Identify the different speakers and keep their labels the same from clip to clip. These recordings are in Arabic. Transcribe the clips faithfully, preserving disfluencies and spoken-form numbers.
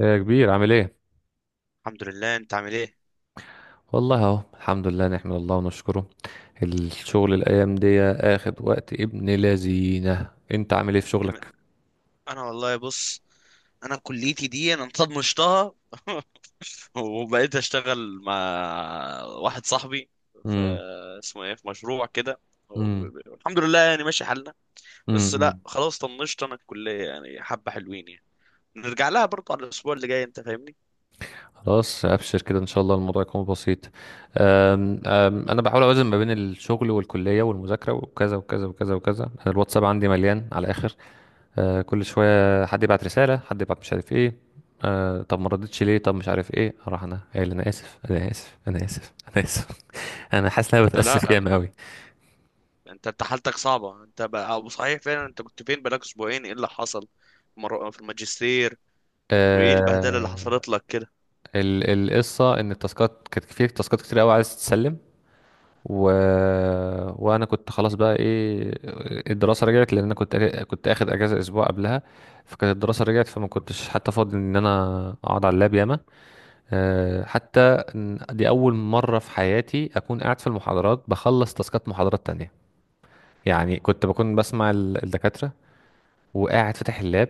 Speaker 1: يا كبير، عامل ايه؟
Speaker 2: الحمد لله، انت عامل ايه؟
Speaker 1: والله اهو الحمد لله، نحمد الله ونشكره. الشغل الايام دي اخد وقت ابن لذينه. انت عامل ايه في
Speaker 2: جميل.
Speaker 1: شغلك؟
Speaker 2: انا والله بص، انا كليتي دي انا طنشتها. وبقيت اشتغل مع واحد صاحبي في،
Speaker 1: امم.
Speaker 2: اسمه ايه، في مشروع كده. وب-
Speaker 1: امم.
Speaker 2: ب- الحمد لله يعني ماشي حالنا. بس لا
Speaker 1: امم.
Speaker 2: خلاص طنشت انا الكلية يعني حبة حلوين يعني، نرجع لها برضه على الاسبوع اللي جاي، انت فاهمني؟
Speaker 1: خلاص ابشر كده، ان شاء الله الموضوع يكون بسيط. أم أم انا بحاول اوازن ما بين الشغل والكليه والمذاكره وكذا وكذا وكذا وكذا. أنا الواتساب عندي مليان على الاخر. أه كل شويه حد يبعت رساله، حد يبعت مش عارف ايه. أه طب ما ردتش ليه، طب مش عارف ايه، اروح انا قايل انا اسف، انا اسف، انا اسف، انا اسف. انا حاسس ان انا
Speaker 2: انت
Speaker 1: بتاسف
Speaker 2: لا،
Speaker 1: جامد قوي.
Speaker 2: انت انت حالتك صعبة انت بقى، أو صحيح فعلا، انت كنت فين بقالك اسبوعين؟ ايه اللي حصل مرة- في الماجستير؟ وايه البهدلة اللي
Speaker 1: آه
Speaker 2: حصلت لك؟
Speaker 1: ال- القصه ان التاسكات كانت، في تاسكات كتير قوي عايز تتسلم. و... وانا كنت خلاص بقى ايه. الدراسه رجعت، لان انا كنت كنت اخد اجازه اسبوع قبلها. فكانت الدراسه رجعت، فما كنتش حتى فاضي ان انا اقعد على اللاب ياما. آه حتى إن دي اول مره في حياتي اكون قاعد في المحاضرات بخلص تاسكات محاضرات تانية. يعني كنت بكون بسمع ال- الدكاتره، وقاعد فاتح اللاب،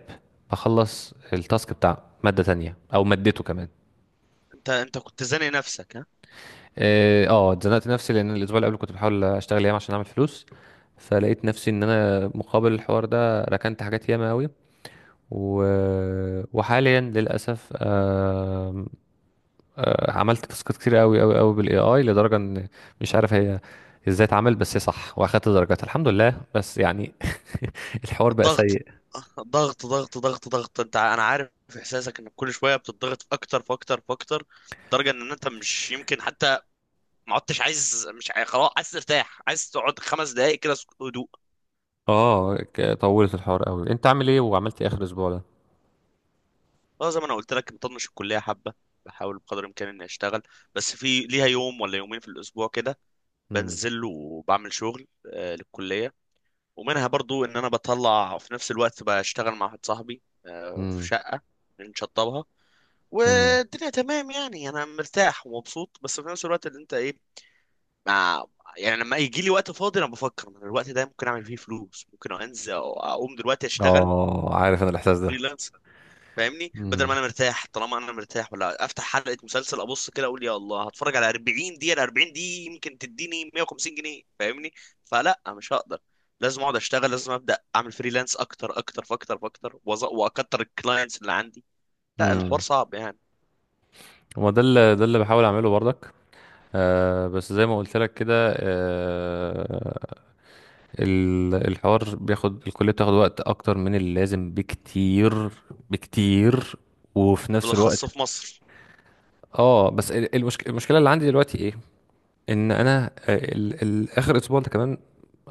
Speaker 1: بخلص التاسك بتاع مادة تانية او مادته كمان.
Speaker 2: انت انت كنت زانق نفسك، ها؟
Speaker 1: اه آه، اتزنقت نفسي، لان الاسبوع اللي قبل كنت بحاول اشتغل ياما عشان اعمل فلوس. فلقيت نفسي ان انا مقابل الحوار ده ركنت حاجات ياما قوي. و... وحاليا للاسف، آه... عملت تاسكات كتير قوي قوي قوي بالاي اي، لدرجه ان مش عارف هي ازاي اتعمل، بس هي صح واخدت درجات الحمد لله، بس يعني الحوار بقى
Speaker 2: الضغط،
Speaker 1: سيء.
Speaker 2: ضغط ضغط ضغط ضغط، انت ع- انا عارف احساسك انك كل شويه بتضغط في اكتر في اكتر في اكتر، لدرجه ان انت مش يمكن حتى ما عدتش عايز، مش عايز خلاص، عايز ترتاح، عايز تقعد خمس دقائق كده سك- هدوء.
Speaker 1: اه ك- طولت الحوار قوي. انت عامل ايه، وعملت ايه اخر اسبوع ده؟
Speaker 2: اه، زي ما انا قلت لك، مطنش الكليه حبه، بحاول بقدر الامكان اني اشتغل، بس في ليها يوم ولا يومين في الاسبوع كده،
Speaker 1: مم.
Speaker 2: بنزل وبعمل شغل، آه، للكليه. ومنها برضو ان انا بطلع في نفس الوقت بشتغل مع واحد صاحبي، آه، في
Speaker 1: امم.
Speaker 2: شقه بنشطبها،
Speaker 1: امم.
Speaker 2: والدنيا تمام يعني. انا مرتاح ومبسوط، بس في نفس الوقت اللي انت ايه، مع، يعني لما يجي لي وقت فاضي انا بفكر إن الوقت ده ممكن اعمل فيه فلوس، ممكن انزل أو اقوم دلوقتي اشتغل
Speaker 1: اه، عارف انا الاحساس ده.
Speaker 2: فريلانسر، فاهمني؟ بدل ما
Speaker 1: امم.
Speaker 2: انا مرتاح، طالما انا مرتاح ولا افتح حلقة مسلسل ابص كده اقول يا الله، هتفرج على أربعين دقيقة؟ ال أربعين دي يمكن تديني مية وخمسين جنيه، فاهمني؟ فلا، مش هقدر، لازم اقعد اشتغل، لازم ابدا اعمل فريلانس اكتر اكتر، فاكتر فاكتر، وأز- واكتر الكلاينتس اللي عندي. لا، الحوار
Speaker 1: امم.
Speaker 2: صعب يعني،
Speaker 1: وما ده اللي ده اللي بحاول اعمله برضك. آه بس زي ما قلت لك كده. آه ال- الحوار بياخد، الكلية بتاخد وقت اكتر من اللازم بكتير بكتير. وفي نفس الوقت،
Speaker 2: بالاخص في مصر.
Speaker 1: اه بس ال- المشك... المشكلة اللي عندي دلوقتي ايه؟ ان انا، آه، ال... ال... اخر اسبوع ده كمان،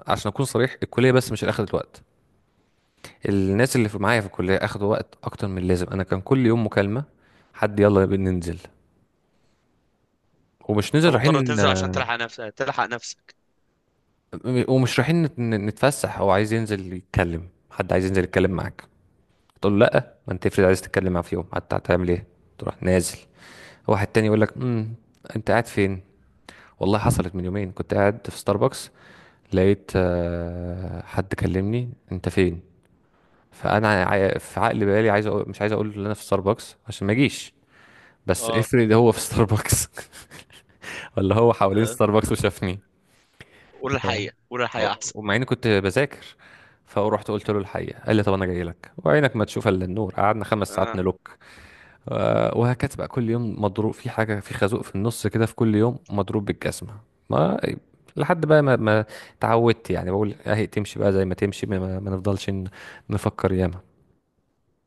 Speaker 1: عشان اكون صريح، الكلية بس مش اخدت وقت. الناس اللي في معايا في الكلية أخدوا وقت أكتر من اللازم. أنا كان كل يوم مكالمة، حد يلا ننزل، ومش
Speaker 2: انت
Speaker 1: ننزل
Speaker 2: مضطر
Speaker 1: رايحين،
Speaker 2: تنزل عشان تلحق نفسك تلحق نفسك.
Speaker 1: ومش رايحين نت- نتفسح. هو عايز ينزل يتكلم، حد عايز ينزل يتكلم معاك، تقول له لا. ما انت افرض عايز تتكلم معاه في يوم حتى، هتعمل ايه؟ تروح نازل. واحد تاني يقول لك امم، انت قاعد فين؟ والله حصلت من يومين، كنت قاعد في ستاربكس. لقيت آه، حد كلمني، انت فين؟ فانا عا- في عقل بالي عايز أقول، مش عايز اقول ان انا في ستاربكس عشان ما اجيش، بس
Speaker 2: اه،
Speaker 1: افرض هو في ستاربكس، ولا هو حوالين
Speaker 2: آه،
Speaker 1: ستاربكس وشافني.
Speaker 2: قول
Speaker 1: ف...
Speaker 2: الحقيقة، قول الحقيقة احسن.
Speaker 1: ومع اني كنت بذاكر، فرحت قلت له الحقيقه. قال لي طب انا جاي لك، وعينك ما تشوف الا النور، قعدنا خمس ساعات
Speaker 2: انا،
Speaker 1: نلوك. آه، وهكذا بقى كل يوم مضروب في حاجه، في خازوق في النص كده، في كل يوم مضروب بالجزمه. ما لحد بقى ما ما اتعودت يعني. بقول اهي تمشي بقى زي ما تمشي، ما, ما ما نفضلش ن- نفكر ياما.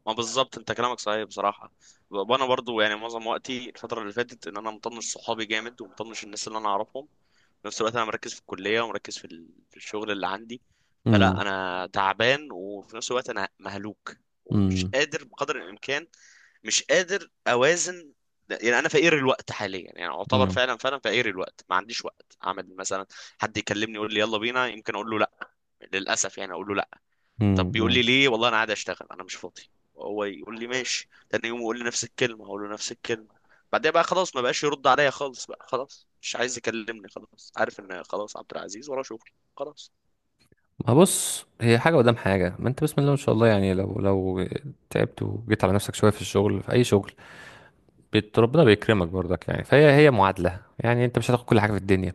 Speaker 2: ما بالظبط انت كلامك صحيح بصراحة. وانا برضو يعني معظم وقتي الفترة اللي فاتت ان انا مطنش صحابي جامد ومطنش الناس اللي انا اعرفهم. في نفس الوقت انا مركز في الكليه ومركز في ال- في الشغل اللي عندي. فلا
Speaker 1: امم.
Speaker 2: انا تعبان، وفي نفس الوقت انا مهلوك، ومش قادر بقدر الامكان، مش قادر اوازن. يعني انا فقير الوقت حاليا، يعني اعتبر
Speaker 1: امم.
Speaker 2: فعلا فعلا فقير الوقت. ما عنديش وقت اعمل مثلا، حد يكلمني يقول لي يلا بينا، يمكن اقول له لا، للاسف يعني اقول له، طب بيقول لي
Speaker 1: امم.
Speaker 2: ليه، والله انا قاعد اشتغل انا مش فاضي، وهو يقول لي ماشي، تاني يوم يقول لي نفس الكلمه اقول له نفس الكلمه. بعدين بقى خلاص ما بقاش يرد عليا خالص، بقى خلاص مش عايز يكلمني، خلاص عارف ان خلاص عبد العزيز وراه شغل، خلاص.
Speaker 1: ما بص، هي حاجة قدام حاجة. ما انت بسم الله ما شاء الله. يعني لو لو تعبت وجيت على نفسك شوية في الشغل، في أي شغل، بت- ربنا بيكرمك برضك. يعني فهي هي معادلة، يعني انت مش هتاخد كل حاجة في الدنيا.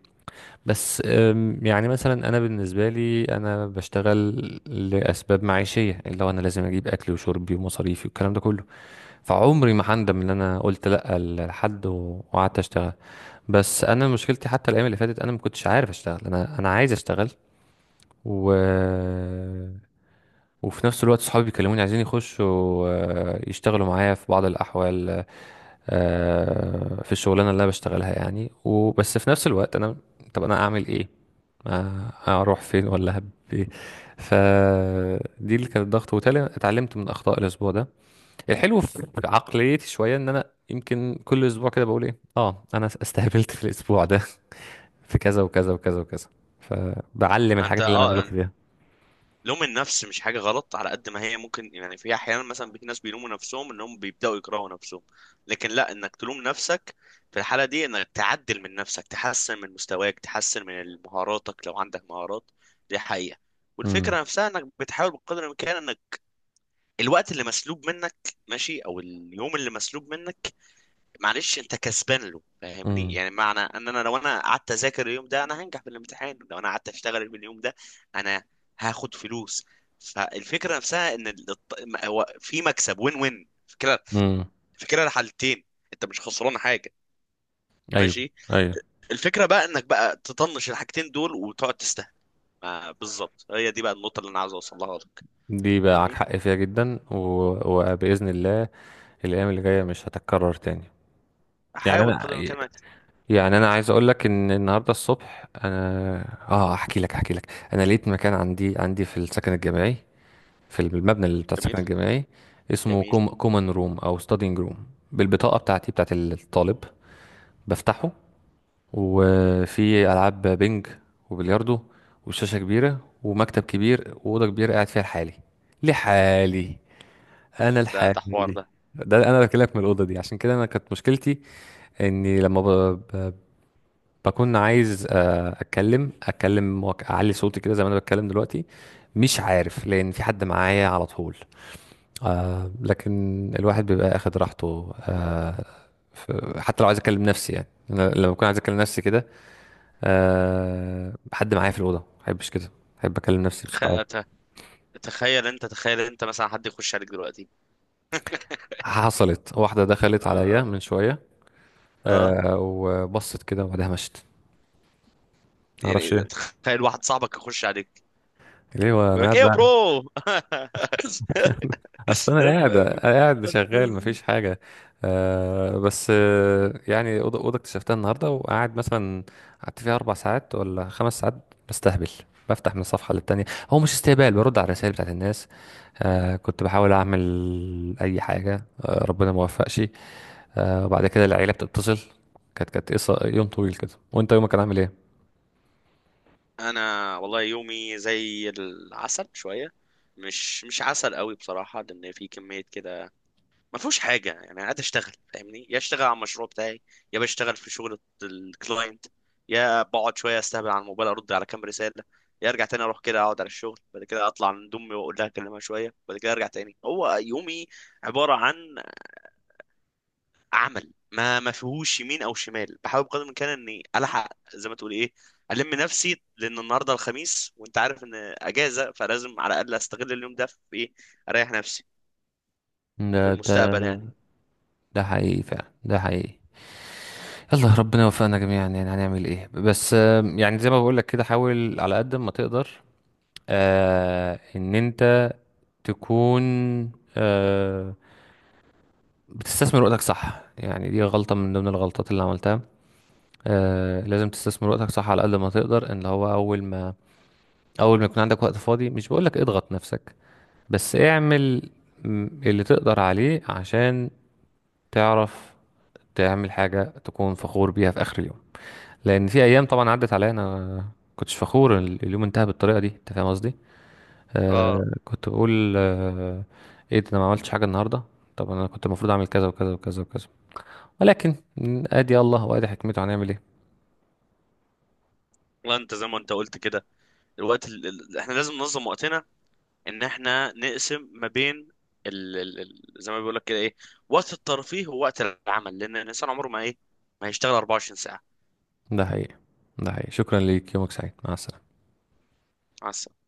Speaker 1: بس أم، يعني مثلا أنا بالنسبة لي أنا بشتغل لأسباب معيشية، اللي هو أنا لازم أجيب أكلي وشربي ومصاريفي والكلام ده كله. فعمري ما هندم إن أنا قلت لأ لحد و- وقعدت أشتغل. بس انا مشكلتي حتى الايام اللي فاتت انا ما كنتش عارف اشتغل. انا انا عايز اشتغل، و وفي نفس الوقت صحابي بيكلموني عايزين يخشوا، آه، يشتغلوا معايا في بعض الأحوال، آه، في الشغلانة اللي أنا بشتغلها يعني. وبس في نفس الوقت أنا، طب أنا أعمل إيه؟ ما أروح فين، ولا هب إيه؟ فدي اللي كانت ضغط، وبالتالي اتعلمت من أخطاء الأسبوع ده. الحلو في عقليتي شوية إن أنا يمكن كل أسبوع كده بقول إيه، آه أنا استهبلت في الأسبوع ده في كذا وكذا وكذا وكذا، فبعلم
Speaker 2: انت
Speaker 1: الحاجات اللي أنا
Speaker 2: اه،
Speaker 1: غلطت فيها.
Speaker 2: لوم النفس مش حاجة غلط على قد ما هي ممكن، يعني في أحيانا مثلا في ناس بيلوموا نفسهم إنهم بيبدأوا يكرهوا نفسهم، لكن لا، إنك تلوم نفسك في الحالة دي إنك تعدل من نفسك، تحسن من مستواك، تحسن من مهاراتك لو عندك مهارات، دي حقيقة.
Speaker 1: امم.
Speaker 2: والفكرة نفسها إنك بتحاول بقدر الإمكان إنك الوقت اللي مسلوب منك، ماشي، أو اليوم اللي مسلوب منك، معلش انت كسبان له، فاهمني؟
Speaker 1: امم.
Speaker 2: يعني معنى ان انا، لو انا قعدت اذاكر اليوم ده انا هنجح في الامتحان، لو انا قعدت اشتغل من اليوم ده انا هاخد فلوس. فالفكره نفسها ان ال- الط- م- هو في مكسب، وين وين فكره،
Speaker 1: امم.
Speaker 2: فكره الحالتين. انت مش خسران حاجه،
Speaker 1: ايوه،
Speaker 2: ماشي.
Speaker 1: ايوه.
Speaker 2: الفكره بقى انك بقى تطنش الحاجتين دول وتقعد تستهبل. ما- بالظبط، هي دي بقى النقطه اللي انا عاوز اوصلها لك،
Speaker 1: دي بقى معاك
Speaker 2: فاهمني؟
Speaker 1: حق فيها جدا. و... وبإذن الله الأيام اللي جاية مش هتتكرر تاني. يعني
Speaker 2: احاول
Speaker 1: أنا
Speaker 2: بقدر الامكان انك،
Speaker 1: يعني أنا عايز أقول لك إن النهاردة الصبح أنا، آه أحكي لك أحكي لك، أنا لقيت مكان عندي، عندي في السكن الجامعي، في المبنى اللي بتاع السكن
Speaker 2: جميل
Speaker 1: الجامعي، اسمه
Speaker 2: جميل.
Speaker 1: كوم... كومن روم أو ستادينج روم، بالبطاقة بتاعتي بتاعت الطالب بفتحه، وفي ألعاب بينج وبلياردو وشاشة كبيرة ومكتب كبير وأوضة كبيرة قاعد فيها لحالي، لحالي. انا
Speaker 2: ده ده حوار ده،
Speaker 1: الحالي. ده انا بكلمك من الاوضه دي، عشان كده انا كانت مشكلتي اني لما ب... ب... بكون عايز، آه، اتكلم اتكلم وأك- اعلي صوتي كده زي ما انا بتكلم دلوقتي. مش عارف لان في حد معايا على طول. آه لكن الواحد بيبقى اخد راحته. آه ف- حتى لو عايز اكلم نفسي، يعني انا لما بكون عايز اكلم نفسي كده، آه حد معايا في الاوضه ما بحبش كده. بحب اكلم نفسي
Speaker 2: تخ...
Speaker 1: بصوت عالي.
Speaker 2: ت- تخيل انت، تخيل انت مثلا حد يخش عليك دلوقتي؟
Speaker 1: حصلت واحده
Speaker 2: اه،
Speaker 1: دخلت عليا
Speaker 2: آه.
Speaker 1: من شويه،
Speaker 2: آه.
Speaker 1: آه وبصت كده وبعدها مشت. معرفش
Speaker 2: يعني
Speaker 1: ايه
Speaker 2: تخيل واحد صاحبك يخش عليك
Speaker 1: ليه، وانا
Speaker 2: يقول لك
Speaker 1: قاعد
Speaker 2: ايه يا
Speaker 1: بقى-
Speaker 2: برو؟
Speaker 1: اصل انا قاعد قاعد شغال مفيش حاجه. آه بس آه يعني اوضه اوضه اكتشفتها النهارده، وقاعد مثلا قعدت فيها اربع ساعات ولا خمس ساعات بستهبل، بفتح من صفحه للتانيه. هو مش استهبال، برد على الرسائل بتاعت الناس. آه كنت بحاول اعمل اي حاجه، آه ربنا ما وفقش. آه وبعد كده العيله بتتصل. كانت كانت قصة- يوم طويل كده. وانت يومك كان عامل ايه؟
Speaker 2: انا والله يومي زي العسل شويه، مش مش عسل قوي بصراحه، لان في كميه كده ما فيهوش حاجه يعني. انا قاعد اشتغل، فاهمني؟ يا اشتغل على المشروع بتاعي، يا بشتغل في شغل الكلاينت، يا بقعد شويه استهبل على الموبايل ارد على كام رساله، يا ارجع تاني اروح كده اقعد على الشغل، بعد كده اطلع عند امي واقول لها اكلمها شويه، بعد كده ارجع تاني. هو يومي عباره عن عمل، ما ما فيهوش يمين او شمال. بحاول بقدر الامكان اني الحق زي ما تقول ايه، الم نفسي، لان النهارده الخميس وانت عارف ان اجازه، فلازم على الاقل استغل اليوم ده في ايه، اريح نفسي في
Speaker 1: ده ده
Speaker 2: المستقبل يعني.
Speaker 1: ده حقيقي فعلا، ده حقيقي. يلا ربنا يوفقنا جميعا، يعني هنعمل ايه؟ بس آم، يعني زي ما بقول لك كده، حاول على قد ما تقدر آه ان انت تكون، آه بتستثمر وقتك صح. يعني دي غلطة من ضمن الغلطات اللي عملتها. آه لازم تستثمر وقتك صح على قد ما تقدر. ان هو اول ما اول ما يكون عندك وقت فاضي، مش بقول لك اضغط نفسك، بس اعمل م، اللي تقدر عليه عشان تعرف تعمل حاجة تكون فخور بيها في آخر اليوم. لان في ايام طبعا عدت عليا انا كنتش فخور، ال- اليوم انتهى بالطريقه دي، انت فاهم قصدي؟
Speaker 2: اه،
Speaker 1: آه كنت بقول آه ايه ده، انا ما عملتش حاجه النهارده. طب انا كنت المفروض اعمل كذا وكذا وكذا وكذا. ولكن آه، ادي الله وادي حكمته، هنعمل ايه؟
Speaker 2: والله انت زي ما انت قلت كده، الوقت ال... ال- احنا لازم ننظم وقتنا، ان احنا نقسم ما بين ال... ال... ال- زي ما بيقول لك كده ايه، وقت الترفيه ووقت العمل، لان الانسان عمره ما ايه، ما هيشتغل 24 ساعة.
Speaker 1: ده حقيقي، ده حقيقي. شكرا ليك، يومك سعيد، مع السلامه.
Speaker 2: مع السلامة.